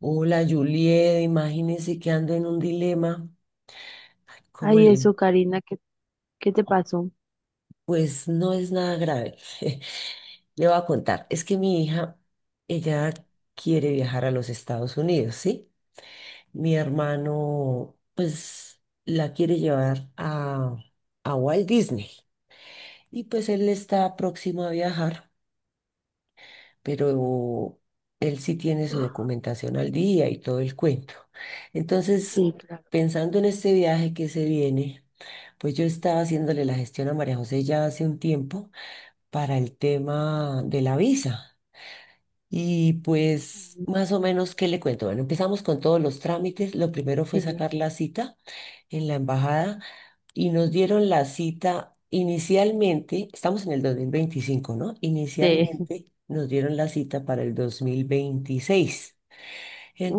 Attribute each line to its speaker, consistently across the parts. Speaker 1: Hola Juliet, imagínese que ando en un dilema. ¿Cómo
Speaker 2: Ay,
Speaker 1: le?
Speaker 2: eso, Karina, ¿qué te pasó?
Speaker 1: Pues no es nada grave. Le voy a contar. Es que mi hija, ella quiere viajar a los Estados Unidos, ¿sí? Mi hermano, pues la quiere llevar a Walt Disney. Y pues él está próximo a viajar, pero él sí tiene su documentación al día y todo el cuento. Entonces,
Speaker 2: Sí, claro.
Speaker 1: pensando en este viaje que se viene, pues yo estaba haciéndole la gestión a María José ya hace un tiempo para el tema de la visa. Y pues, más o menos, ¿qué le cuento? Bueno, empezamos con todos los trámites. Lo primero fue
Speaker 2: Sí,
Speaker 1: sacar la cita en la embajada y nos dieron la cita inicialmente, estamos en el 2025, ¿no?
Speaker 2: sí.
Speaker 1: Inicialmente nos dieron la cita para el 2026.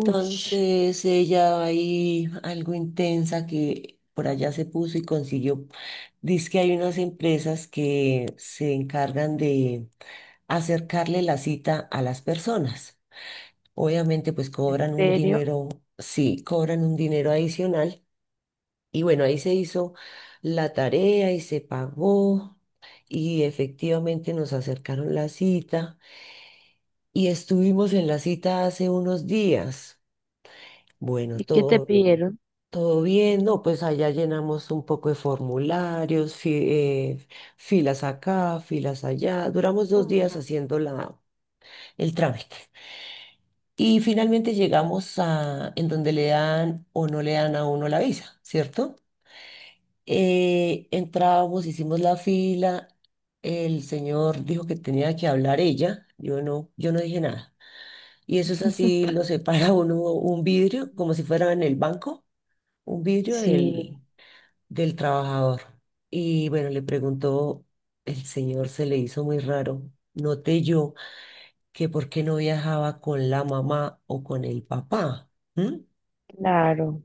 Speaker 2: Ush,
Speaker 1: ella ahí, algo intensa que por allá se puso y consiguió, dice que hay unas empresas que se encargan de acercarle la cita a las personas. Obviamente, pues
Speaker 2: ¿en
Speaker 1: cobran un
Speaker 2: serio?
Speaker 1: dinero, sí, cobran un dinero adicional y bueno, ahí se hizo la tarea y se pagó y efectivamente nos acercaron la cita y estuvimos en la cita hace unos días. Bueno,
Speaker 2: ¿Y qué te
Speaker 1: todo,
Speaker 2: pidieron?
Speaker 1: todo bien, ¿no? Pues allá llenamos un poco de formularios, filas acá, filas allá. Duramos dos
Speaker 2: Mm.
Speaker 1: días haciendo la, el trámite. Y finalmente llegamos a en donde le dan o no le dan a uno la visa, ¿cierto? Entramos, hicimos la fila, el señor dijo que tenía que hablar ella, yo no dije nada. Y eso es así, lo separa uno un vidrio, como si fuera en el banco, un vidrio
Speaker 2: Sí,
Speaker 1: del trabajador. Y bueno, le preguntó, el señor se le hizo muy raro, noté yo que por qué no viajaba con la mamá o con el papá. ¿M?
Speaker 2: claro.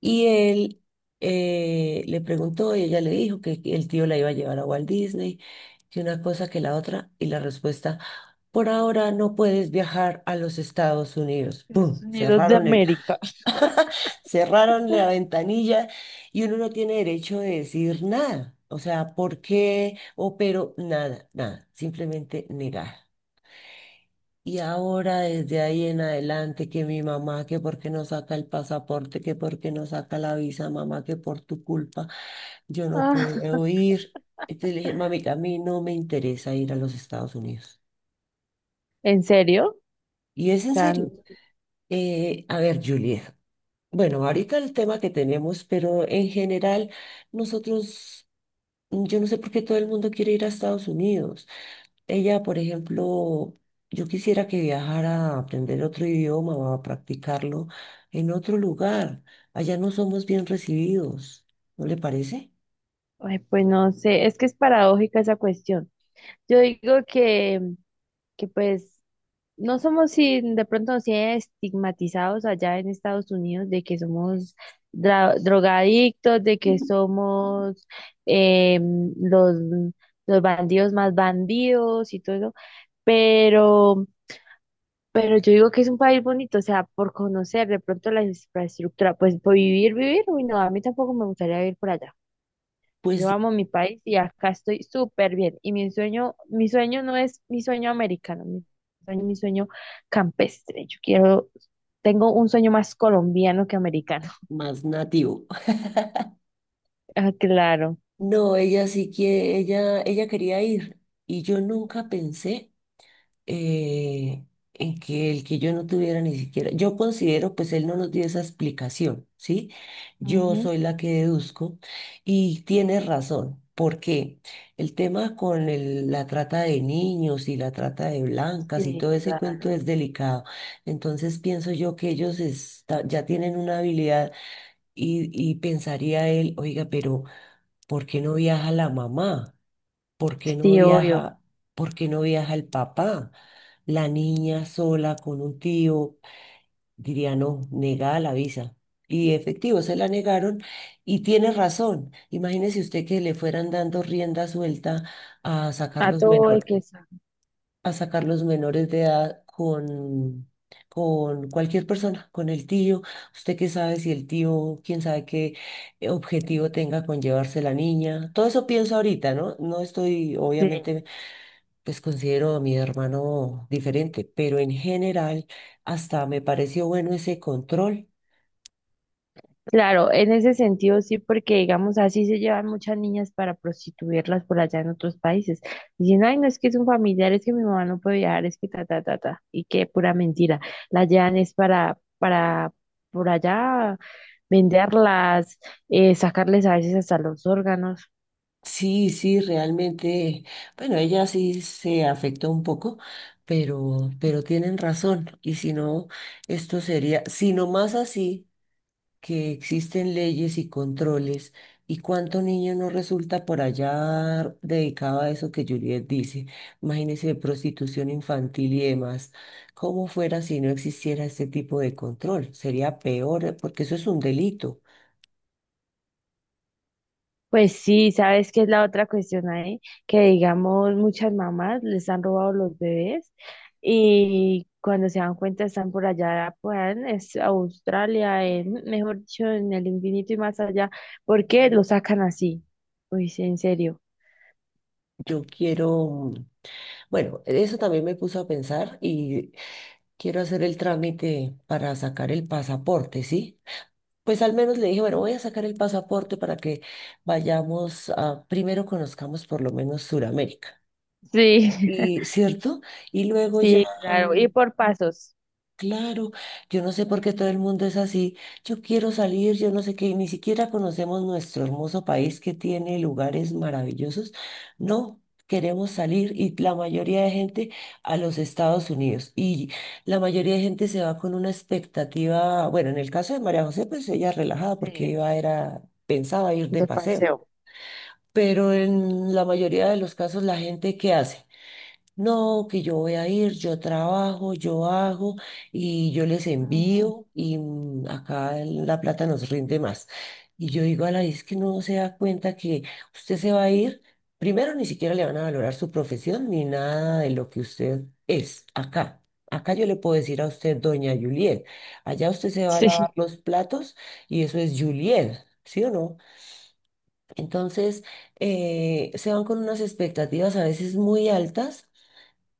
Speaker 1: Y él le preguntó y ella le dijo que el tío la iba a llevar a Walt Disney, que una cosa que la otra, y la respuesta, por ahora no puedes viajar a los Estados Unidos.
Speaker 2: Estados
Speaker 1: ¡Pum!
Speaker 2: Unidos de
Speaker 1: Cerraron el,
Speaker 2: América.
Speaker 1: cerraron la ventanilla y uno no tiene derecho de decir nada. O sea, ¿por qué? O pero nada, nada, simplemente negar. Y ahora desde ahí en adelante que mi mamá, que por qué no saca el pasaporte, que por qué no saca la visa, mamá, que por tu culpa yo no
Speaker 2: Ah,
Speaker 1: puedo ir. Entonces le dije, mami, a mí no me interesa ir a los Estados Unidos.
Speaker 2: ¿en serio? O
Speaker 1: Y es en
Speaker 2: sea, n-
Speaker 1: serio. A ver, Juliet. Bueno, ahorita el tema que tenemos, pero en general nosotros, yo no sé por qué todo el mundo quiere ir a Estados Unidos. Ella, por ejemplo, yo quisiera que viajara a aprender otro idioma o a practicarlo en otro lugar. Allá no somos bien recibidos, ¿no le parece?
Speaker 2: ay, pues no sé, es que es paradójica esa cuestión. Yo digo que, que pues no somos, si de pronto sí estigmatizados allá en Estados Unidos, de que somos dra- drogadictos, de que somos eh, los, los bandidos más bandidos y todo eso, pero, pero yo digo que es un país bonito, o sea, por conocer de pronto la infraestructura, pues por vivir, vivir, uy, no, a mí tampoco me gustaría vivir por allá. Yo
Speaker 1: Pues
Speaker 2: amo mi país y acá estoy súper bien. Y mi sueño no es mi sueño americano, mi sueño campestre. Yo quiero, tengo un sueño más colombiano que americano.
Speaker 1: más nativo.
Speaker 2: Ah, claro.
Speaker 1: No, ella sí que, ella quería ir y yo nunca pensé eh, en que el que yo no tuviera ni siquiera, yo considero, pues él no nos dio esa explicación, ¿sí? Yo
Speaker 2: Ujú.
Speaker 1: soy la que deduzco y tiene razón. Porque el tema con la trata de niños y la trata de blancas y
Speaker 2: Sí,
Speaker 1: todo ese cuento
Speaker 2: claro.
Speaker 1: es delicado. Entonces pienso yo que ellos ya tienen una habilidad y pensaría él, oiga, pero ¿por qué no viaja la mamá? ¿Por qué no
Speaker 2: Sí, obvio.
Speaker 1: viaja, por qué no viaja el papá? La niña sola con un tío, diría no, negada la visa. Y efectivo, se la negaron y tiene razón. Imagínese usted que le fueran dando rienda suelta a sacar
Speaker 2: A
Speaker 1: los
Speaker 2: todo hay
Speaker 1: menor,
Speaker 2: que saber.
Speaker 1: a sacar los menores de edad con cualquier persona, con el tío. Usted qué sabe si el tío, quién sabe qué objetivo tenga con llevarse la niña. Todo eso pienso ahorita, ¿no? No estoy,
Speaker 2: Sí.
Speaker 1: obviamente pues considero a mi hermano diferente, pero en general hasta me pareció bueno ese control.
Speaker 2: Claro, en ese sentido sí, porque digamos así se llevan muchas niñas para prostituirlas por allá en otros países. Dicen, ay, no, es que es un familiar, es que mi mamá no puede viajar, es que ta, ta, ta, ta. Y qué pura mentira. La llevan es para por allá venderlas, sacarles a veces hasta los órganos.
Speaker 1: Sí, sí, realmente, bueno, ella sí se afectó un poco, pero tienen razón. Y si no, esto sería, si no más así. Que existen leyes y controles y cuánto niño no resulta por allá dedicado a eso que Juliet dice. Imagínese prostitución infantil y demás. ¿Cómo fuera si no existiera este tipo de control? Sería peor porque eso es un delito.
Speaker 2: Pues sí, ¿sabes qué es la otra cuestión ahí? Que digamos, muchas mamás les han robado los bebés y cuando se dan cuenta están por allá, pues es- Australia, en, mejor dicho, en el infinito y más allá, ¿porque lo sacan así? Uy, sí, en serio.
Speaker 1: Yo quiero, mm, bueno, eso también me puso a pensar y quiero hacer el trámite para sacar el pasaporte, ¿sí? Pues al menos le dije, bueno, voy a sacar el pasaporte para que vayamos a, primero conozcamos por lo menos Suramérica.
Speaker 2: Sí,
Speaker 1: Y cierto, y luego ya
Speaker 2: sí, claro, y por pasos,
Speaker 1: claro, yo no sé por qué todo el mundo es así. Yo quiero salir, yo no sé qué, y ni siquiera conocemos nuestro hermoso país que tiene lugares maravillosos. No, queremos salir y la mayoría de gente a los Estados Unidos. Y la mayoría de gente se va con una expectativa, bueno, en el caso de María José, pues ella relajada porque
Speaker 2: sí,
Speaker 1: iba, era, pensaba ir de
Speaker 2: de
Speaker 1: paseo.
Speaker 2: paseo.
Speaker 1: Pero en la mayoría de los casos, la gente, ¿qué hace? No, que yo voy a ir, yo trabajo, yo hago y yo les
Speaker 2: Ah,
Speaker 1: envío y acá la plata nos rinde más. Y yo digo a la es que no se da cuenta que usted se va a ir, primero ni siquiera le van a valorar su profesión ni nada de lo que usted es acá. Acá yo le puedo decir a usted, doña Juliet, allá usted se va a lavar
Speaker 2: sí.
Speaker 1: los platos y eso es Juliet, ¿sí o no? Entonces, se van con unas expectativas a veces muy altas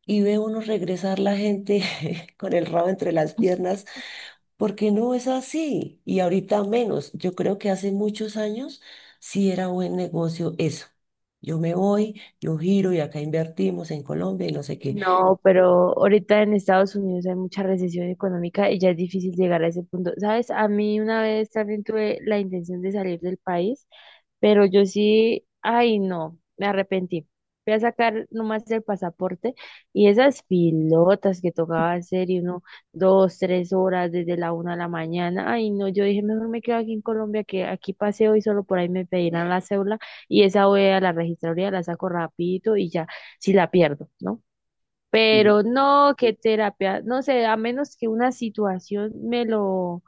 Speaker 1: y ve uno regresar la gente con el rabo entre las piernas, porque no es así. Y ahorita menos. Yo creo que hace muchos años sí era buen negocio eso. Yo me voy, yo giro y acá invertimos en Colombia y no sé qué.
Speaker 2: No, pero ahorita en Estados Unidos hay mucha recesión económica y ya es difícil llegar a ese punto. ¿Sabes? A mí una vez también tuve la intención de salir del país, pero yo sí, ay no, me arrepentí. Fui a sacar nomás el pasaporte y esas pilotas que tocaba hacer y uno, dos, tres horas desde la una de la mañana. Ay no, yo dije, mejor me quedo aquí en Colombia, que aquí paseo y solo por ahí me pedirán la cédula y esa voy a la registraduría, la saco rapidito y ya, si la pierdo, ¿no? Pero no, qué terapia, no sé, a menos que una situación me lo,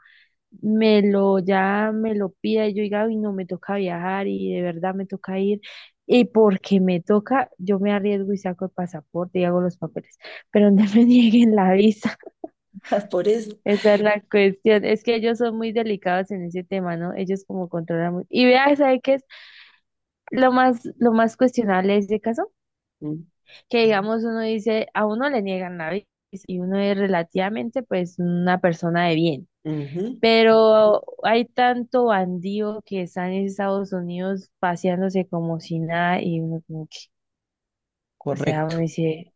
Speaker 2: ya me lo pida y yo diga, uy, no, me toca viajar y de verdad me toca ir. Y porque me toca, yo me arriesgo y saco el pasaporte y hago los papeles, pero no me nieguen la visa.
Speaker 1: Por eso.
Speaker 2: Esa es la cuestión. Es que ellos son muy delicados en ese tema, ¿no? Ellos como controlan muy... Y vea, ¿sabe qué es lo más cuestionable de ese caso?
Speaker 1: Mm.
Speaker 2: Que digamos uno dice, a uno le niegan la visa y uno es relativamente pues una persona de bien,
Speaker 1: Ujú,
Speaker 2: pero hay tanto bandido que está en Estados Unidos paseándose como si nada y uno como que, o sea, uno
Speaker 1: correcto.
Speaker 2: dice,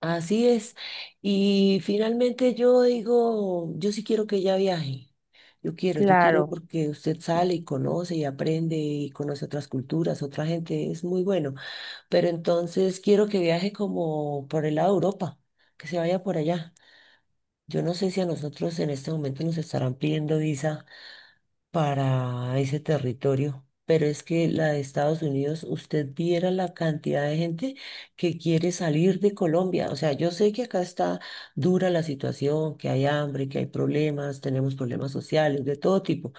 Speaker 1: Así es. Y finalmente yo digo, yo sí quiero que ella viaje. Yo quiero
Speaker 2: claro,
Speaker 1: porque usted sale y conoce y aprende y conoce otras culturas, otra gente, es muy bueno. Pero entonces quiero que viaje como por el lado de Europa, que se vaya por allá. Yo no sé si a nosotros en este momento nos estarán pidiendo visa para ese territorio. Pero es que la de Estados Unidos, usted viera la cantidad de gente que quiere salir de Colombia. O sea, yo sé que acá está dura la situación, que hay hambre, que hay problemas, tenemos problemas sociales de todo tipo.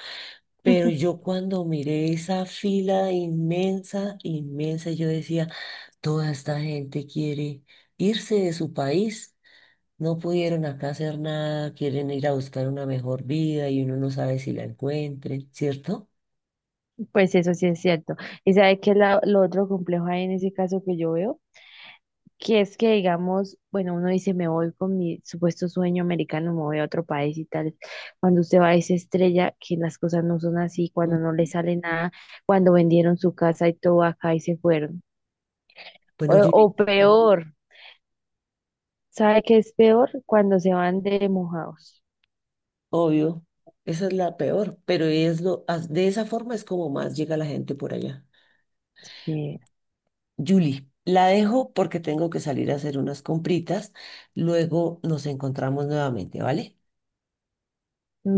Speaker 1: Pero yo cuando miré esa fila inmensa, inmensa, yo decía, toda esta gente quiere irse de su país. No pudieron acá hacer nada, quieren ir a buscar una mejor vida y uno no sabe si la encuentren, ¿cierto?
Speaker 2: pues eso sí es cierto. ¿Y sabe qué es la- lo otro complejo ahí en ese caso que yo veo? Que es que, digamos, bueno, uno dice, me voy con mi supuesto sueño americano, me voy a otro país y tal. Cuando usted va a esa estrella, que las cosas no son así, cuando
Speaker 1: Mm,
Speaker 2: no le sale nada, cuando vendieron su casa y todo acá y se fueron. O,
Speaker 1: bueno,
Speaker 2: o
Speaker 1: Julie,
Speaker 2: peor, ¿sabe qué es peor? Cuando se van de mojados.
Speaker 1: obvio, esa es la peor, pero es lo, as- de esa forma es como más llega la gente por allá.
Speaker 2: Sí.
Speaker 1: Julie, la dejo porque tengo que salir a hacer unas compritas, luego nos encontramos nuevamente, ¿vale?